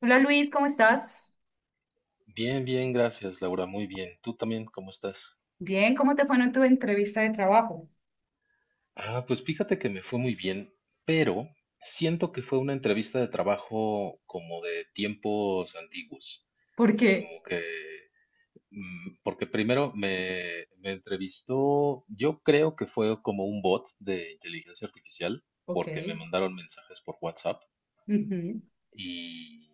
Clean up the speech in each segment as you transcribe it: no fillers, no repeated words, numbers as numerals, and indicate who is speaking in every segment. Speaker 1: Hola Luis, ¿cómo estás?
Speaker 2: Bien, bien, gracias, Laura, muy bien. ¿Tú también cómo estás?
Speaker 1: Bien, ¿cómo te fue en tu entrevista de trabajo?
Speaker 2: Ah, pues fíjate que me fue muy bien, pero siento que fue una entrevista de trabajo como de tiempos antiguos,
Speaker 1: Porque,
Speaker 2: como que, porque primero me entrevistó, yo creo que fue como un bot de inteligencia artificial,
Speaker 1: ok,
Speaker 2: porque me mandaron mensajes por WhatsApp.
Speaker 1: ujú,
Speaker 2: Y,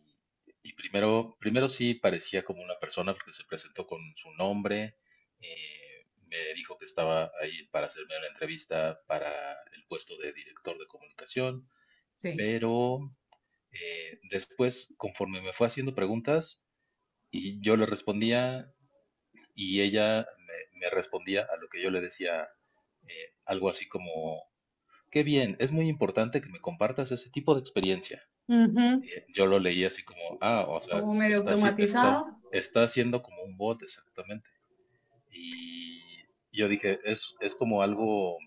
Speaker 2: y primero sí parecía como una persona porque se presentó con su nombre, me dijo que estaba ahí para hacerme la entrevista para el puesto de director de comunicación,
Speaker 1: sí,
Speaker 2: pero después, conforme me fue haciendo preguntas, y yo le respondía y ella me respondía a lo que yo le decía, algo así como, qué bien, es muy importante que me compartas ese tipo de experiencia.
Speaker 1: ujú,
Speaker 2: Yo lo leí así como, ah, o sea,
Speaker 1: como medio
Speaker 2: está,
Speaker 1: automatizado,
Speaker 2: está haciendo como un bot exactamente. Y yo dije, es como algo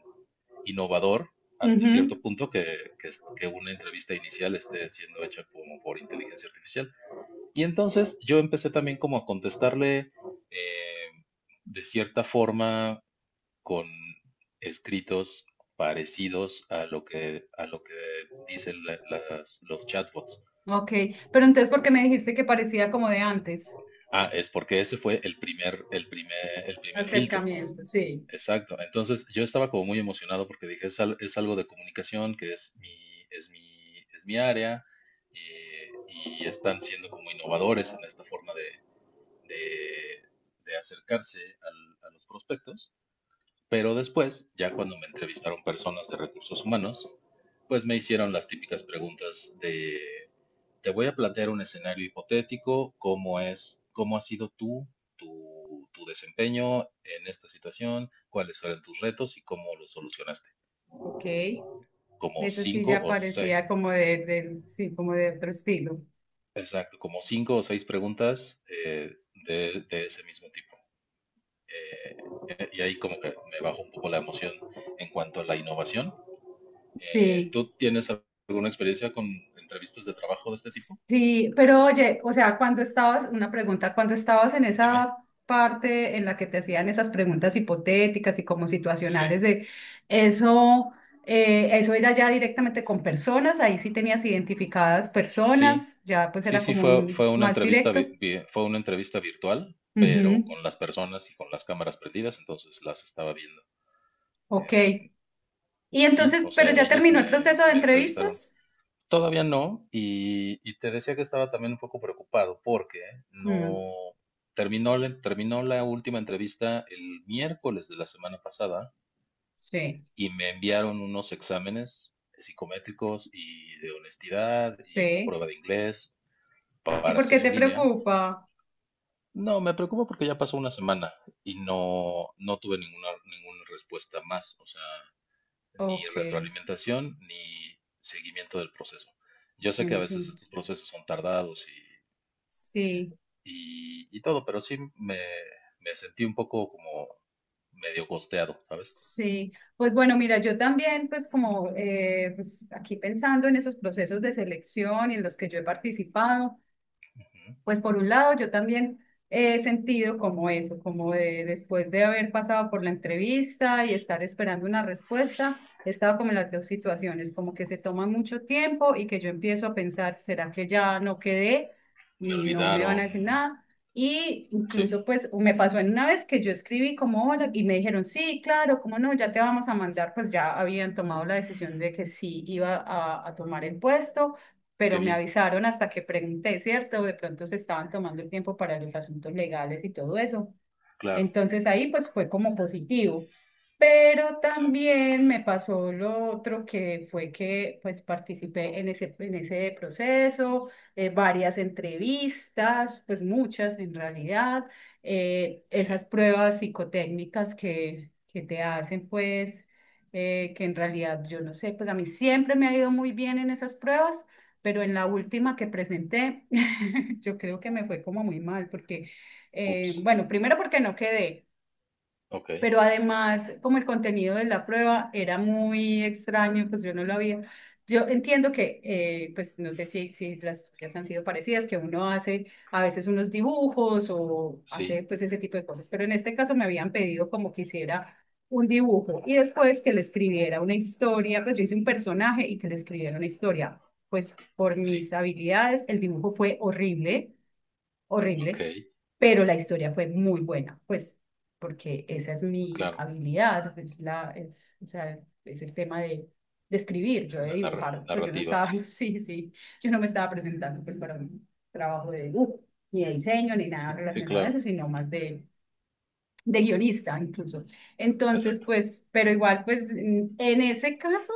Speaker 2: innovador hasta cierto
Speaker 1: ujú,
Speaker 2: punto que una entrevista inicial esté siendo hecha como por inteligencia artificial. Y entonces yo empecé también como a contestarle eh, de cierta forma con escritos parecidos a a lo que dicen los chatbots.
Speaker 1: ok, pero entonces, ¿por qué me dijiste que parecía como de antes?
Speaker 2: Ah, es porque ese fue el primer filtro.
Speaker 1: Acercamiento, sí,
Speaker 2: Exacto. Entonces yo estaba como muy emocionado porque dije, es algo de comunicación que es mi área, y están siendo como innovadores en esta forma de- de acercarse a los prospectos. Pero después, ya cuando me entrevistaron personas de recursos humanos, pues me hicieron las típicas preguntas de te voy a plantear un escenario hipotético, cómo es, cómo ha sido tu desempeño en esta situación, cuáles fueron tus retos y cómo los solucionaste.
Speaker 1: ok,
Speaker 2: Como
Speaker 1: eso sí
Speaker 2: cinco
Speaker 1: ya
Speaker 2: o seis,
Speaker 1: parecía como de, sí, como de otro estilo,
Speaker 2: exacto, como cinco o seis preguntas, de ese mismo tipo. Eh, y ahí como que me bajó un poco la emoción en cuanto a la innovación.
Speaker 1: sí.
Speaker 2: ¿Tú tienes alguna experiencia con entrevistas de trabajo de este tipo?
Speaker 1: Sí, pero oye, o sea, cuando estabas, una pregunta, cuando estabas en
Speaker 2: Dime.
Speaker 1: esa parte en la que te hacían esas preguntas hipotéticas y como
Speaker 2: Sí.
Speaker 1: situacionales de eso, eso era ya directamente con personas, ahí sí tenías identificadas
Speaker 2: Sí,
Speaker 1: personas, ya pues
Speaker 2: sí,
Speaker 1: era
Speaker 2: sí,
Speaker 1: como
Speaker 2: fue
Speaker 1: un
Speaker 2: una
Speaker 1: más
Speaker 2: entrevista,
Speaker 1: directo.
Speaker 2: fue una entrevista virtual, pero
Speaker 1: Ujú,
Speaker 2: con las personas y con las cámaras prendidas, entonces las estaba viendo.
Speaker 1: ok. Y
Speaker 2: Sí,
Speaker 1: entonces,
Speaker 2: o sea,
Speaker 1: pero ya
Speaker 2: ellos
Speaker 1: terminó el proceso de
Speaker 2: me entrevistaron.
Speaker 1: entrevistas.
Speaker 2: Todavía no, y te decía que estaba también un poco preocupado porque
Speaker 1: Mm,
Speaker 2: no terminó, terminó la última entrevista el miércoles de la semana pasada
Speaker 1: sí,
Speaker 2: y me enviaron unos exámenes psicométricos y de honestidad y una
Speaker 1: sí.
Speaker 2: prueba de inglés
Speaker 1: ¿Y
Speaker 2: para
Speaker 1: por qué
Speaker 2: hacer
Speaker 1: te
Speaker 2: en línea.
Speaker 1: preocupa?
Speaker 2: No, me preocupa porque ya pasó una semana y no, no tuve ninguna respuesta más, o sea, ni
Speaker 1: Ok,
Speaker 2: retroalimentación ni seguimiento del proceso. Yo sé que a veces
Speaker 1: entiendo.
Speaker 2: estos procesos son tardados
Speaker 1: Sí.
Speaker 2: y todo, pero sí me sentí un poco como medio costeado, ¿sabes?
Speaker 1: Sí, pues bueno, mira, yo también, pues como pues, aquí pensando en esos procesos de selección y en los que yo he participado,
Speaker 2: Ujú.
Speaker 1: pues por un lado, yo también he sentido como eso, como de después de haber pasado por la entrevista y estar esperando una respuesta, he estado como en las dos situaciones, como que se toma mucho tiempo y que yo empiezo a pensar, ¿será que ya no quedé
Speaker 2: Me
Speaker 1: y no me van a
Speaker 2: olvidaron.
Speaker 1: decir nada? Y
Speaker 2: Sí,
Speaker 1: incluso pues me pasó en una vez que yo escribí como hola y me dijeron, sí, claro, cómo no, ya te vamos a mandar, pues ya habían tomado la decisión de que sí iba a tomar el puesto, pero
Speaker 2: qué
Speaker 1: me
Speaker 2: bien,
Speaker 1: avisaron hasta que pregunté, ¿cierto? De pronto se estaban tomando el tiempo para los asuntos legales y todo eso.
Speaker 2: claro,
Speaker 1: Entonces ahí pues fue como positivo. Pero
Speaker 2: exacto,
Speaker 1: también me pasó lo otro que fue que pues participé en ese proceso, varias entrevistas, pues muchas en realidad, esas
Speaker 2: sí.
Speaker 1: pruebas psicotécnicas que te hacen pues, que en realidad yo no sé, pues a mí siempre me ha ido muy bien en esas pruebas, pero en la última que presenté, yo creo que me fue como muy mal porque...
Speaker 2: Ups,
Speaker 1: bueno, primero porque no quedé,
Speaker 2: ok,
Speaker 1: pero además como el contenido de la prueba era muy extraño, pues yo no lo había. Yo entiendo que, pues no sé si, si las tuyas han sido parecidas, que uno hace a veces unos dibujos o
Speaker 2: sí,
Speaker 1: hace pues ese tipo de cosas, pero en este caso me habían pedido como que hiciera un dibujo y después que le escribiera una historia, pues yo hice un personaje y que le escribiera una historia. Pues por
Speaker 2: sí,
Speaker 1: mis habilidades el dibujo fue horrible
Speaker 2: ok,
Speaker 1: horrible, pero la historia fue muy buena, pues, porque esa es mi
Speaker 2: claro,
Speaker 1: habilidad, es la, es, o sea, es el tema de escribir, yo de
Speaker 2: la
Speaker 1: dibujar, pues yo no
Speaker 2: narrativa,
Speaker 1: estaba,
Speaker 2: sí,
Speaker 1: sí, sí, yo no me estaba presentando pues para un trabajo de dibujo, ni de diseño, ni nada
Speaker 2: sí, sí,
Speaker 1: relacionado a eso,
Speaker 2: claro,
Speaker 1: sino más de guionista incluso. Entonces,
Speaker 2: exacto.
Speaker 1: pues, pero igual, pues, en ese caso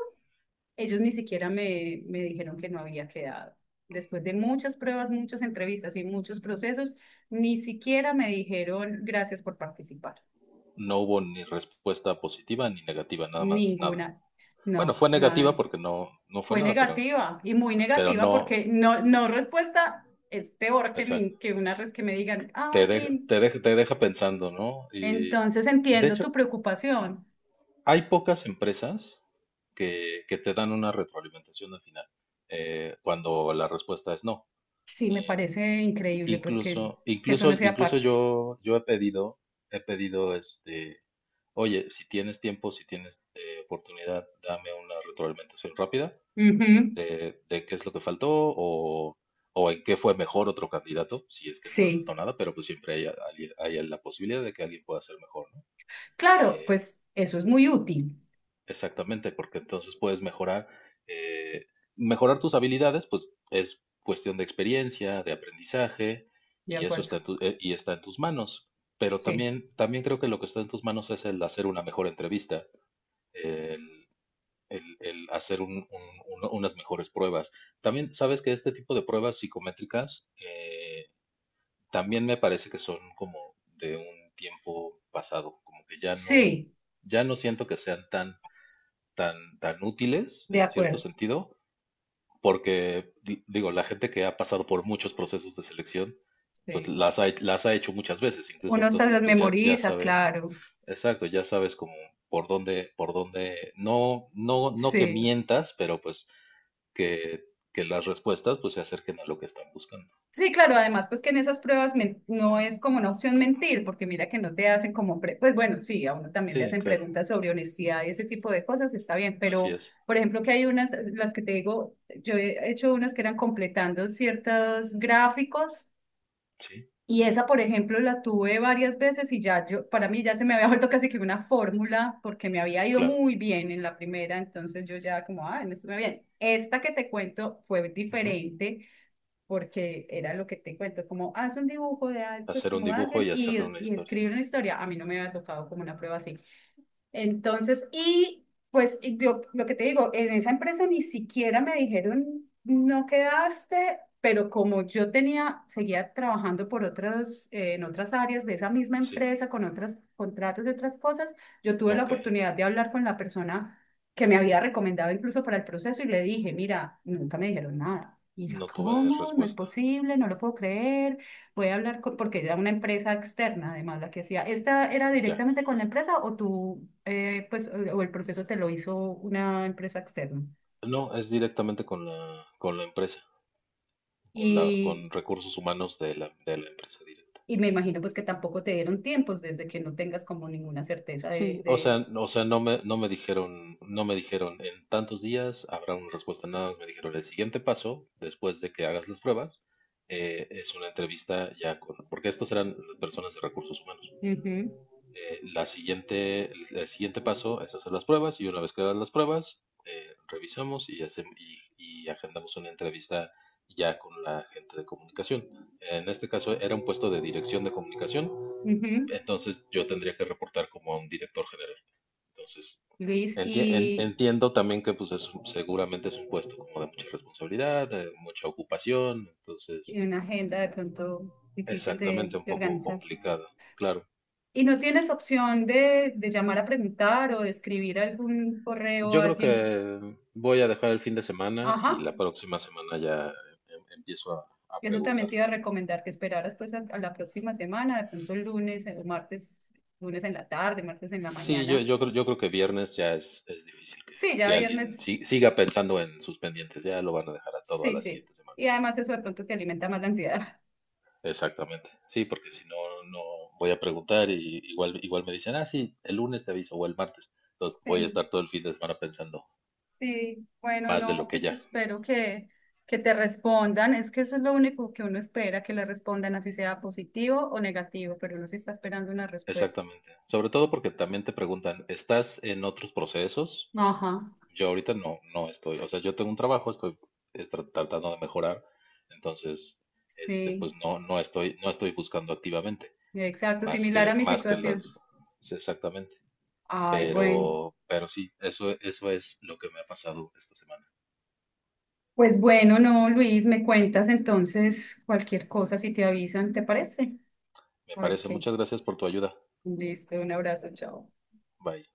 Speaker 1: ellos ni siquiera me, me dijeron que no había quedado. Después de muchas pruebas, muchas entrevistas y muchos procesos, ni siquiera me dijeron gracias por participar.
Speaker 2: No hubo ni respuesta positiva ni negativa, nada más nada.
Speaker 1: Ninguna.
Speaker 2: Bueno,
Speaker 1: No,
Speaker 2: fue negativa
Speaker 1: nada.
Speaker 2: porque no, no fue
Speaker 1: Fue
Speaker 2: nada,
Speaker 1: negativa y muy
Speaker 2: pero
Speaker 1: negativa
Speaker 2: no,
Speaker 1: porque no, no respuesta es peor que,
Speaker 2: exacto.
Speaker 1: que una vez que me digan, ah, sí,
Speaker 2: Te deja pensando, ¿no? Y
Speaker 1: entonces
Speaker 2: de
Speaker 1: entiendo
Speaker 2: hecho,
Speaker 1: tu preocupación.
Speaker 2: hay pocas empresas que te dan una retroalimentación al final, cuando la respuesta es no.
Speaker 1: Sí, me
Speaker 2: Eh,
Speaker 1: parece increíble pues que eso no sea
Speaker 2: incluso
Speaker 1: parte.
Speaker 2: yo, yo he pedido este, oye, si tienes tiempo, si tienes oportunidad, dame una retroalimentación rápida
Speaker 1: Ujú,
Speaker 2: de qué es lo que faltó o en qué fue mejor otro candidato, si es que no me
Speaker 1: sí.
Speaker 2: faltó nada, pero pues siempre hay, alguien- hay la posibilidad de que alguien pueda ser mejor, ¿no?
Speaker 1: Claro,
Speaker 2: Eh,
Speaker 1: pues eso es muy útil.
Speaker 2: Exactamente, porque entonces puedes mejorar, eh, mejorar tus habilidades, pues es cuestión de experiencia, de aprendizaje,
Speaker 1: De
Speaker 2: y eso
Speaker 1: acuerdo.
Speaker 2: está y está en tus manos. Pero
Speaker 1: Sí,
Speaker 2: también, también creo que lo que está en tus manos es el hacer una mejor entrevista, el el hacer unas mejores pruebas. También sabes que este tipo de pruebas psicométricas, también me parece que son como de un tiempo pasado, como que ya no,
Speaker 1: sí,
Speaker 2: ya no siento que sean tan útiles
Speaker 1: de
Speaker 2: en cierto
Speaker 1: acuerdo.
Speaker 2: sentido, porque digo, la gente que ha pasado por muchos procesos de selección, pues
Speaker 1: Sí.
Speaker 2: las ha hecho muchas veces, incluso
Speaker 1: Uno se
Speaker 2: entonces
Speaker 1: las
Speaker 2: pues ya, ya
Speaker 1: memoriza,
Speaker 2: sabe,
Speaker 1: claro.
Speaker 2: exacto, ya sabes como por dónde, no que
Speaker 1: Sí.
Speaker 2: mientas, pero pues que, que las respuestas pues se acerquen a lo que están buscando.
Speaker 1: Sí, claro, además, pues que en esas pruebas no es como una opción mentir, porque mira que no te hacen como, pues bueno, sí, a uno también le
Speaker 2: Sí,
Speaker 1: hacen
Speaker 2: claro,
Speaker 1: preguntas sobre honestidad y ese tipo de cosas, está bien,
Speaker 2: así
Speaker 1: pero
Speaker 2: es.
Speaker 1: por ejemplo que hay unas, las que te digo, yo he hecho unas que eran completando ciertos gráficos.
Speaker 2: Sí,
Speaker 1: Y esa, por ejemplo, la tuve varias veces y ya yo, para mí ya se me había vuelto casi que una fórmula porque me había ido
Speaker 2: claro.
Speaker 1: muy bien en la primera, entonces yo ya como, ah, me estuve bien. Esta que te cuento fue
Speaker 2: Ujú.
Speaker 1: diferente porque era lo que te cuento, como haz un dibujo de algo, pues
Speaker 2: Hacer un
Speaker 1: como
Speaker 2: dibujo
Speaker 1: alguien
Speaker 2: y hacerle una
Speaker 1: y
Speaker 2: historia.
Speaker 1: escribe una historia. A mí no me había tocado como una prueba así. Entonces, y pues y yo lo que te digo, en esa empresa ni siquiera me dijeron, no quedaste, pero como yo tenía, seguía trabajando por otros, en otras áreas de esa misma
Speaker 2: Sí,
Speaker 1: empresa, con otros contratos de otras cosas, yo tuve la
Speaker 2: ok.
Speaker 1: oportunidad de hablar con la persona que me había recomendado incluso para el proceso y le dije, mira, nunca me dijeron nada. Y ya,
Speaker 2: No tuve
Speaker 1: ¿cómo? No es
Speaker 2: respuesta.
Speaker 1: posible, no lo puedo creer, puede hablar con, porque era una empresa externa, además, la que hacía. ¿Esta era
Speaker 2: Ya.
Speaker 1: directamente con la empresa o tú, pues, o el proceso te lo hizo una empresa externa?
Speaker 2: No, es directamente con la empresa, con la,
Speaker 1: Y,
Speaker 2: con recursos humanos de de la empresa directa.
Speaker 1: y me imagino, pues, que tampoco te dieron tiempos desde que no tengas como ninguna certeza
Speaker 2: Sí,
Speaker 1: de...
Speaker 2: o sea, no no me dijeron, no me dijeron en tantos días habrá una respuesta, nada más me dijeron el siguiente paso, después de que hagas las pruebas, es una entrevista ya con, porque estos eran personas de recursos humanos.
Speaker 1: Ujú,
Speaker 2: La siguiente, el siguiente paso es hacer las pruebas y una vez que hagas las pruebas, revisamos y, hacemos, y agendamos una entrevista ya con la gente de comunicación. En este caso era un puesto de dirección de comunicación,
Speaker 1: ujú,
Speaker 2: entonces yo tendría que reportar como a un director general. Entonces,
Speaker 1: Luis,
Speaker 2: entiendo también que pues es, seguramente es un puesto como de mucha responsabilidad, de mucha ocupación, entonces
Speaker 1: y una agenda de pronto difícil
Speaker 2: exactamente un
Speaker 1: de
Speaker 2: poco
Speaker 1: organizar.
Speaker 2: complicado, claro.
Speaker 1: ¿Y no tienes opción de llamar a preguntar o de escribir algún correo
Speaker 2: Yo
Speaker 1: a
Speaker 2: creo
Speaker 1: alguien?
Speaker 2: que voy a dejar el fin de semana y
Speaker 1: Ajá.
Speaker 2: la próxima semana ya empiezo a
Speaker 1: Eso
Speaker 2: preguntar.
Speaker 1: también te iba a recomendar que esperaras pues a la próxima semana, de pronto el lunes o martes, lunes en la tarde, martes en la
Speaker 2: Sí, yo,
Speaker 1: mañana.
Speaker 2: yo creo que viernes ya es difícil
Speaker 1: Sí, ya
Speaker 2: que alguien
Speaker 1: viernes,
Speaker 2: siga pensando en sus pendientes, ya lo van a dejar a todo a
Speaker 1: sí,
Speaker 2: la
Speaker 1: sí.
Speaker 2: siguiente semana.
Speaker 1: Y además eso de pronto te alimenta más la ansiedad.
Speaker 2: Exactamente. Sí, porque si no, no voy a preguntar y igual, igual me dicen, ah, sí, el lunes te aviso o el martes. Entonces voy a
Speaker 1: Sí,
Speaker 2: estar todo el fin de semana pensando
Speaker 1: sí, bueno,
Speaker 2: más de lo
Speaker 1: no,
Speaker 2: que
Speaker 1: pues
Speaker 2: ya.
Speaker 1: espero que te respondan. Es que eso es lo único que uno espera, que le respondan, así sea positivo o negativo, pero uno sí está esperando una respuesta.
Speaker 2: Exactamente. Sobre todo porque también te preguntan, ¿estás en otros procesos? Y
Speaker 1: Ajá,
Speaker 2: yo ahorita no, no estoy. O sea, yo tengo un trabajo, estoy tratando de mejorar. Entonces, este,
Speaker 1: sí,
Speaker 2: pues no, no estoy, no estoy buscando activamente,
Speaker 1: exacto, similar a mi
Speaker 2: más que las,
Speaker 1: situación.
Speaker 2: sí, exactamente.
Speaker 1: Ay, bueno.
Speaker 2: Pero sí, eso es lo que me ha pasado esta semana.
Speaker 1: Pues bueno, no, Luis, me cuentas entonces cualquier cosa si te avisan, ¿te parece?
Speaker 2: Me
Speaker 1: A ver
Speaker 2: parece.
Speaker 1: qué.
Speaker 2: Muchas gracias por tu ayuda.
Speaker 1: Listo, un abrazo, chao.
Speaker 2: Bye.